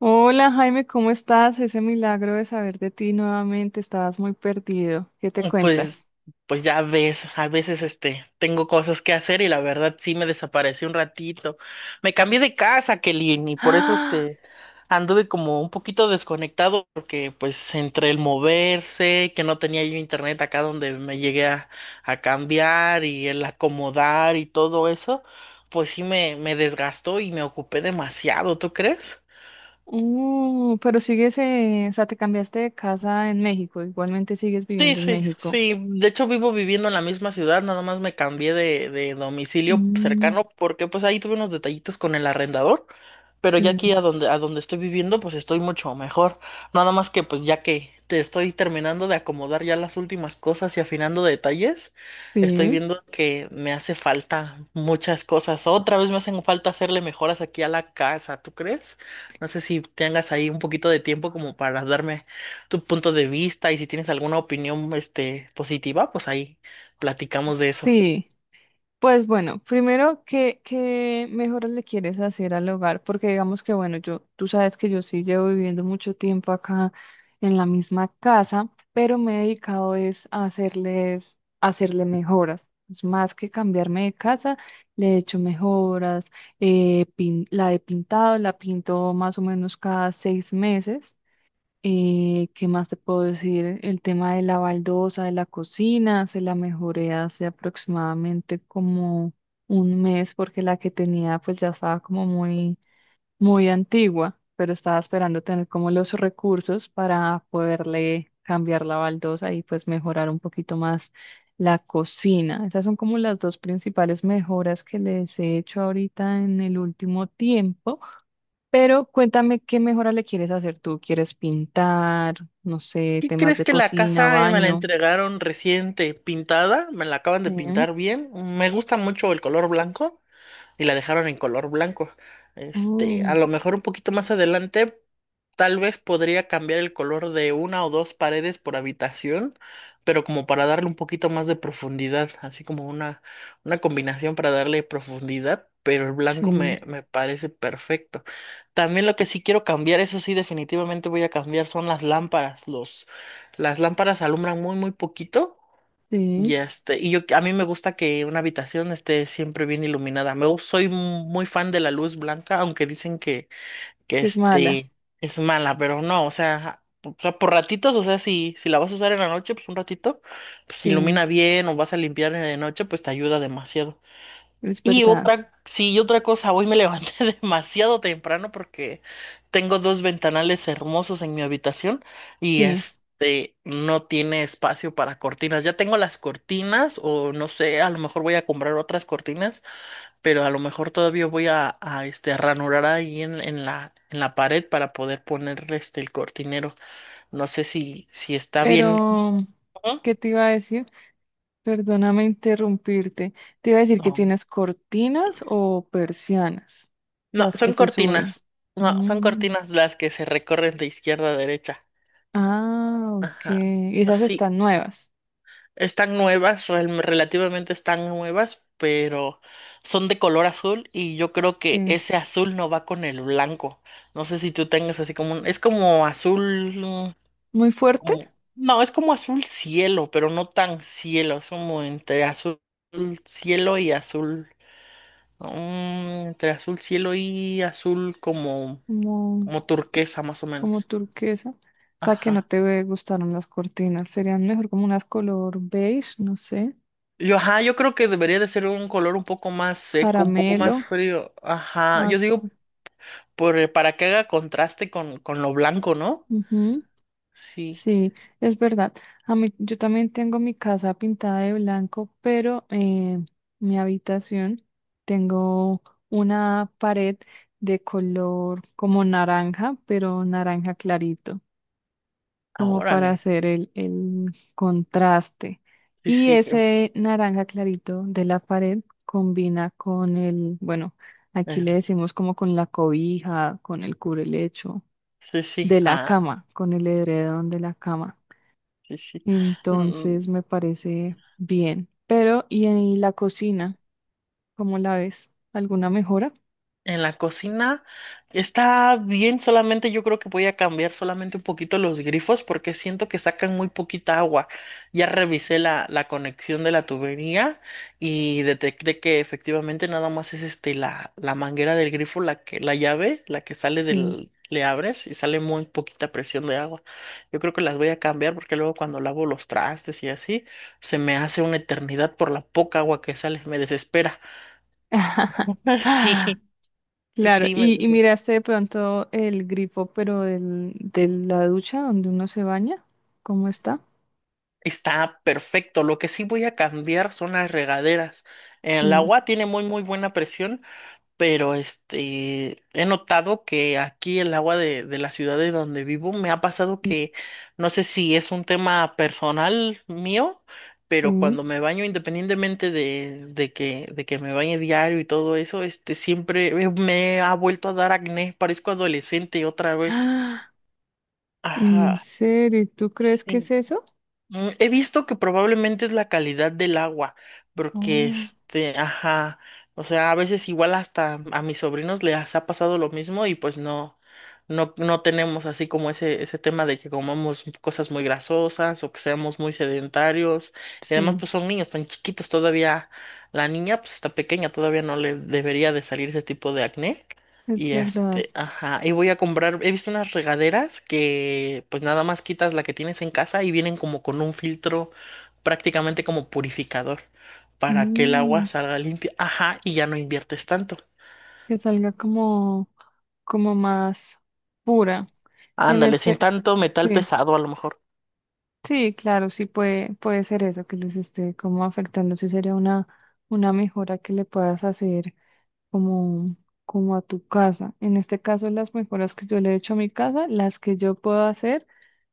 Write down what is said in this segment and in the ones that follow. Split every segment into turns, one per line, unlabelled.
Hola Jaime, ¿cómo estás? Ese milagro de saber de ti nuevamente, estabas muy perdido. ¿Qué te cuentas?
Pues, pues, ya ves, a veces tengo cosas que hacer y la verdad sí me desaparecí un ratito. Me cambié de casa, Kelly, y por eso
Ah,
anduve como un poquito desconectado porque pues entre el moverse, que no tenía yo internet acá donde me llegué a cambiar y el acomodar y todo eso, pues sí me desgastó y me ocupé demasiado, ¿tú crees?
pero sigues, o sea, te cambiaste de casa en México, igualmente sigues
Sí,
viviendo en
sí,
México.
sí. De hecho, vivo viviendo en la misma ciudad, nada más me cambié de domicilio
Mm,
cercano porque pues ahí tuve unos detallitos con el arrendador, pero ya aquí
sí,
a donde estoy viviendo pues estoy mucho mejor. Nada más que pues ya que te estoy terminando de acomodar ya las últimas cosas y afinando detalles, estoy
sí,
viendo que me hace falta muchas cosas. Otra vez me hacen falta hacerle mejoras aquí a la casa, ¿tú crees? No sé si tengas ahí un poquito de tiempo como para darme tu punto de vista y si tienes alguna opinión, positiva, pues ahí platicamos de eso.
sí. Pues bueno, primero, ¿qué mejoras le quieres hacer al hogar? Porque digamos que, bueno, yo, tú sabes que yo sí llevo viviendo mucho tiempo acá en la misma casa, pero me he dedicado es a hacerle mejoras. Es más que cambiarme de casa, le he hecho mejoras, la he pintado, la pinto más o menos cada 6 meses. ¿Qué más te puedo decir? El tema de la baldosa de la cocina, se la mejoré hace aproximadamente como un mes porque la que tenía pues ya estaba como muy, muy antigua, pero estaba esperando tener como los recursos para poderle cambiar la baldosa y pues mejorar un poquito más la cocina. Esas son como las dos principales mejoras que les he hecho ahorita en el último tiempo. Pero cuéntame qué mejora le quieres hacer tú. ¿Quieres pintar? No sé,
¿Qué
temas
crees?
de
Que la
cocina,
casa, me la
baño.
entregaron reciente pintada. Me la acaban de
Sí.
pintar bien. Me gusta mucho el color blanco y la dejaron en color blanco. A
Oh,
lo mejor un poquito más adelante, tal vez podría cambiar el color de una o dos paredes por habitación, pero como para darle un poquito más de profundidad, así como una combinación para darle profundidad, pero el blanco
sí,
me parece perfecto. También lo que sí quiero cambiar, eso sí, definitivamente voy a cambiar, son las lámparas. Las lámparas alumbran muy, muy poquito.
sí.
Y y yo a mí me gusta que una habitación esté siempre bien iluminada. Soy muy fan de la luz blanca, aunque dicen que, que
Es mala.
este es mala, pero no, o sea, por ratitos, o sea, si la vas a usar en la noche, pues un ratito, pues
Sí,
ilumina bien, o vas a limpiar en la noche, pues te ayuda demasiado.
es
Y
verdad.
otra, sí, y otra cosa, hoy me levanté demasiado temprano porque tengo dos ventanales hermosos en mi habitación y
Sí.
este no tiene espacio para cortinas. Ya tengo las cortinas o no sé, a lo mejor voy a comprar otras cortinas, pero a lo mejor todavía voy a ranurar ahí en la pared para poder poner el cortinero. No sé si está bien.
Pero,
¿No?
¿qué te iba a decir? Perdóname interrumpirte. Te iba a decir que
No,
tienes cortinas o persianas,
no,
las que
son
se suben.
cortinas. No, son
Mm,
cortinas las que se recorren de izquierda a derecha.
ah, ok.
Ajá,
Esas
sí,
están nuevas.
están nuevas, relativamente están nuevas, pero son de color azul y yo creo que
Sí.
ese azul no va con el blanco. No sé si tú tengas así como un, es como azul,
Muy fuerte.
como, no, es como azul cielo, pero no tan cielo, es como entre azul cielo y azul, entre azul cielo y azul como,
Como.
como turquesa más o
Como
menos.
turquesa. O sea, que no
Ajá.
te gustaron las cortinas. Serían mejor como unas color beige, no sé,
Ajá, yo creo que debería de ser un color un poco más seco, un poco
caramelo,
más frío. Ajá, yo
más.
digo para que haga contraste con lo blanco, ¿no?
Ujú,
Sí,
sí, es verdad. A mí, yo también tengo mi casa pintada de blanco, pero mi habitación tengo una pared de color como naranja, pero naranja clarito.
ah,
Como para
órale.
hacer el contraste.
Sí,
Y
sí,
ese naranja clarito de la pared combina con el, bueno, aquí le
eh,
decimos como con la cobija, con el cubrelecho
sí, sí,
de la
ah,
cama, con el edredón de la cama.
sí, sí. Mm,
Entonces me parece bien. Pero, ¿y en la cocina? ¿Cómo la ves? ¿Alguna mejora?
En la cocina está bien, solamente yo creo que voy a cambiar solamente un poquito los grifos porque siento que sacan muy poquita agua. Ya revisé la conexión de la tubería y detecté que efectivamente nada más es la manguera del grifo, la que, la llave, la que sale
Sí.
del, le abres y sale muy poquita presión de agua. Yo creo que las voy a cambiar porque luego cuando lavo los trastes y así, se me hace una eternidad por la poca agua que sale, me desespera. Sí,
Claro,
sí, me
y
desespera.
miraste de pronto el grifo, pero de la ducha donde uno se baña, ¿cómo está?
Está perfecto. Lo que sí voy a cambiar son las regaderas. El
Sí,
agua tiene muy muy buena presión, pero he notado que aquí el agua de la ciudad de donde vivo me ha pasado
sí,
que no sé si es un tema personal mío, pero
sí.
cuando me baño, independientemente de que me bañe diario y todo eso, siempre me ha vuelto a dar acné, parezco adolescente otra vez.
¡Ah! ¿En
Ajá,
serio? ¿Tú crees que es
sí.
eso?
He visto que probablemente es la calidad del agua, porque
Oh,
ajá, o sea, a veces igual hasta a mis sobrinos les ha pasado lo mismo y pues no, no, no tenemos así como ese tema de que comamos cosas muy grasosas o que seamos muy sedentarios. Y además
sí,
pues son niños tan chiquitos todavía, la niña pues está pequeña, todavía no le debería de salir ese tipo de acné.
es
Y
verdad.
ajá, y voy a comprar, he visto unas regaderas que pues nada más quitas la que tienes en casa y vienen como con un filtro prácticamente como purificador para que el
Mm,
agua salga limpia, ajá, y ya no inviertes tanto.
que salga como, como más pura. En
Ándale, sin
este,
tanto metal
sí,
pesado a lo mejor.
sí, claro, sí puede, puede ser eso que les esté como afectando. Sí sería una mejora que le puedas hacer como, como a tu casa. En este caso, las mejoras que yo le he hecho a mi casa, las que yo puedo hacer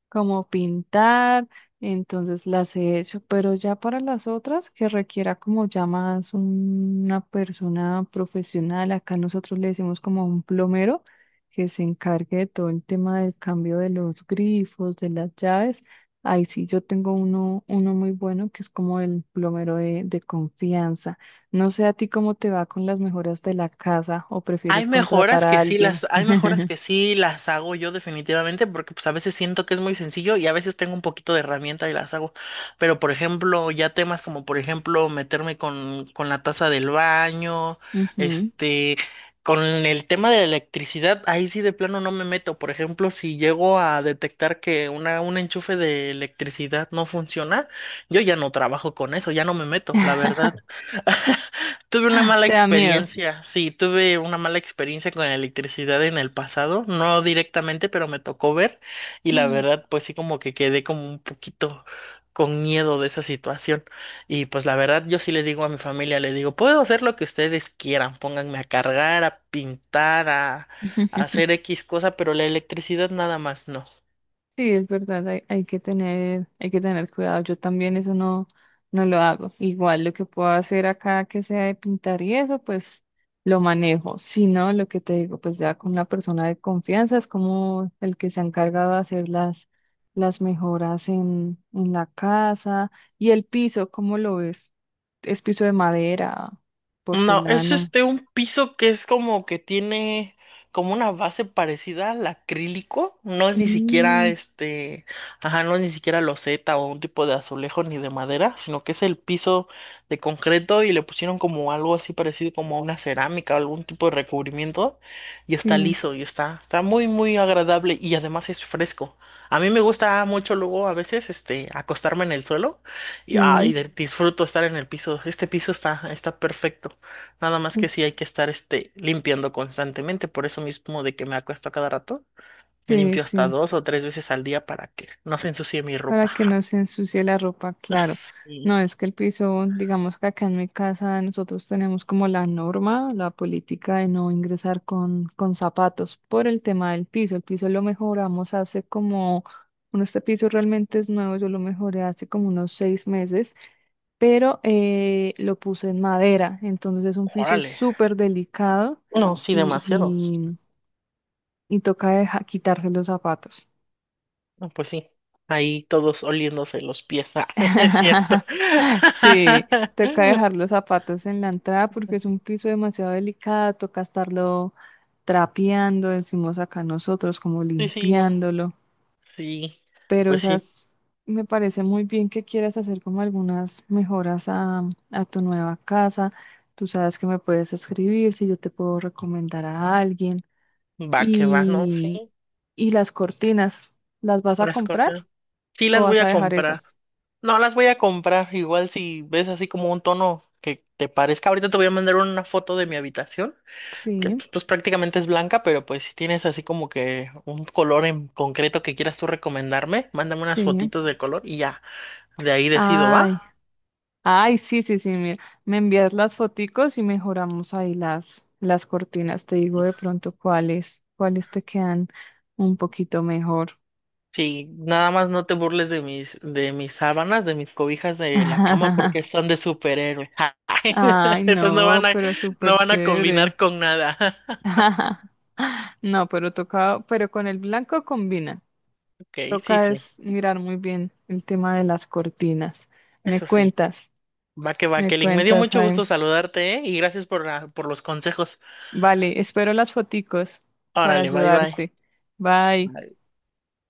como pintar, entonces las he hecho, pero ya para las otras que requiera como ya más una persona profesional, acá nosotros le decimos como un plomero que se encargue de todo el tema del cambio de los grifos, de las llaves. Ahí sí yo tengo uno, uno muy bueno que es como el plomero de confianza. No sé a ti cómo te va con las mejoras de la casa o
Hay
prefieres contratar
mejoras
a alguien.
hay mejoras que sí las hago yo definitivamente, porque pues a veces siento que es muy sencillo y a veces tengo un poquito de herramienta y las hago. Pero por ejemplo, ya temas como por ejemplo meterme con la taza del baño,
Ujú.
este, con el tema de la electricidad, ahí sí de plano no me meto. Por ejemplo, si llego a detectar que un enchufe de electricidad no funciona, yo ya no trabajo con eso, ya no me meto, la verdad. Tuve una mala
Te da miedo.
experiencia, sí, tuve una mala experiencia con la electricidad en el pasado, no directamente, pero me tocó ver y la verdad, pues sí, como que quedé como un poquito con miedo de esa situación y pues la verdad, yo sí le digo a mi familia, le digo, puedo hacer lo que ustedes quieran, pónganme a cargar, a pintar, a hacer X cosa, pero la electricidad nada más no.
Sí, es verdad, hay que tener cuidado. Yo también eso no lo hago. Igual lo que puedo hacer acá que sea de pintar y eso, pues lo manejo. Si no, lo que te digo, pues ya con una persona de confianza es como el que se ha encargado de hacer las mejoras en la casa. Y el piso, ¿cómo lo ves? ¿Es piso de madera,
No, es
porcelana?
un piso que es como que tiene como una base parecida al acrílico. No es ni siquiera
Mm,
ajá, no es ni siquiera loseta o un tipo de azulejo ni de madera, sino que es el piso de concreto y le pusieron como algo así parecido como a una cerámica o algún tipo de recubrimiento y está
sí,
liso y está muy muy agradable y además es fresco. A mí me gusta mucho luego a veces acostarme en el suelo y
sí,
ay, disfruto estar en el piso. Este piso está perfecto. Nada más que sí hay que estar limpiando constantemente, por eso mismo de que me acuesto a cada rato,
sí,
limpio hasta
sí.
dos o tres veces al día para que no se ensucie mi
Para
ropa.
que no se ensucie la ropa, claro.
Sí,
No, es que el piso, digamos que acá en mi casa nosotros tenemos como la norma, la política de no ingresar con zapatos por el tema del piso. El piso lo mejoramos hace como, bueno, este piso realmente es nuevo, yo lo mejoré hace como unos 6 meses, pero lo puse en madera, entonces es un piso
órale.
súper delicado
No, sí, demasiado.
y, y toca quitarse los zapatos.
No, pues sí, ahí todos oliéndose los pies. Ah, es cierto.
Sí, toca dejar los zapatos en la entrada porque es un piso demasiado delicado, toca estarlo trapeando, decimos acá nosotros, como
Sí, sí, igual.
limpiándolo.
Sí,
Pero
pues sí,
esas, Me parece muy bien que quieras hacer como algunas mejoras a tu nueva casa. Tú sabes que me puedes escribir si yo te puedo recomendar a alguien.
va que va, ¿no?
Y,
Sí,
y las cortinas, ¿las vas a
las
comprar
corté. Sí,
o
las voy
vas a
a
dejar
comprar.
esas?
No las voy a comprar. Igual si ves así como un tono que te parezca. Ahorita te voy a mandar una foto de mi habitación, que
Sí,
pues, pues, prácticamente es blanca, pero pues si tienes así como que un color en concreto que quieras tú recomendarme, mándame unas
sí.
fotitos de color y ya, de ahí decido,
Ay,
¿va?
ay, sí, sí, sí, mira, me envías las foticos y mejoramos ahí las cortinas. Te digo de pronto cuáles te quedan un poquito mejor.
Sí, nada más no te burles de mis sábanas, de mis cobijas de la cama, porque son de superhéroe.
Ay,
Esas no
no,
van a,
pero súper
no van a
chévere.
combinar con nada.
No, pero toca, pero con el blanco combina.
Ok, sí,
Toca
sí,
es mirar muy bien el tema de las cortinas. Me
eso sí.
cuentas,
Va que va,
me
Kelly. Me dio
cuentas,
mucho gusto
Jaime.
saludarte, ¿eh? Y gracias por los consejos.
Vale, espero las foticos para
Órale, bye bye.
ayudarte. Bye.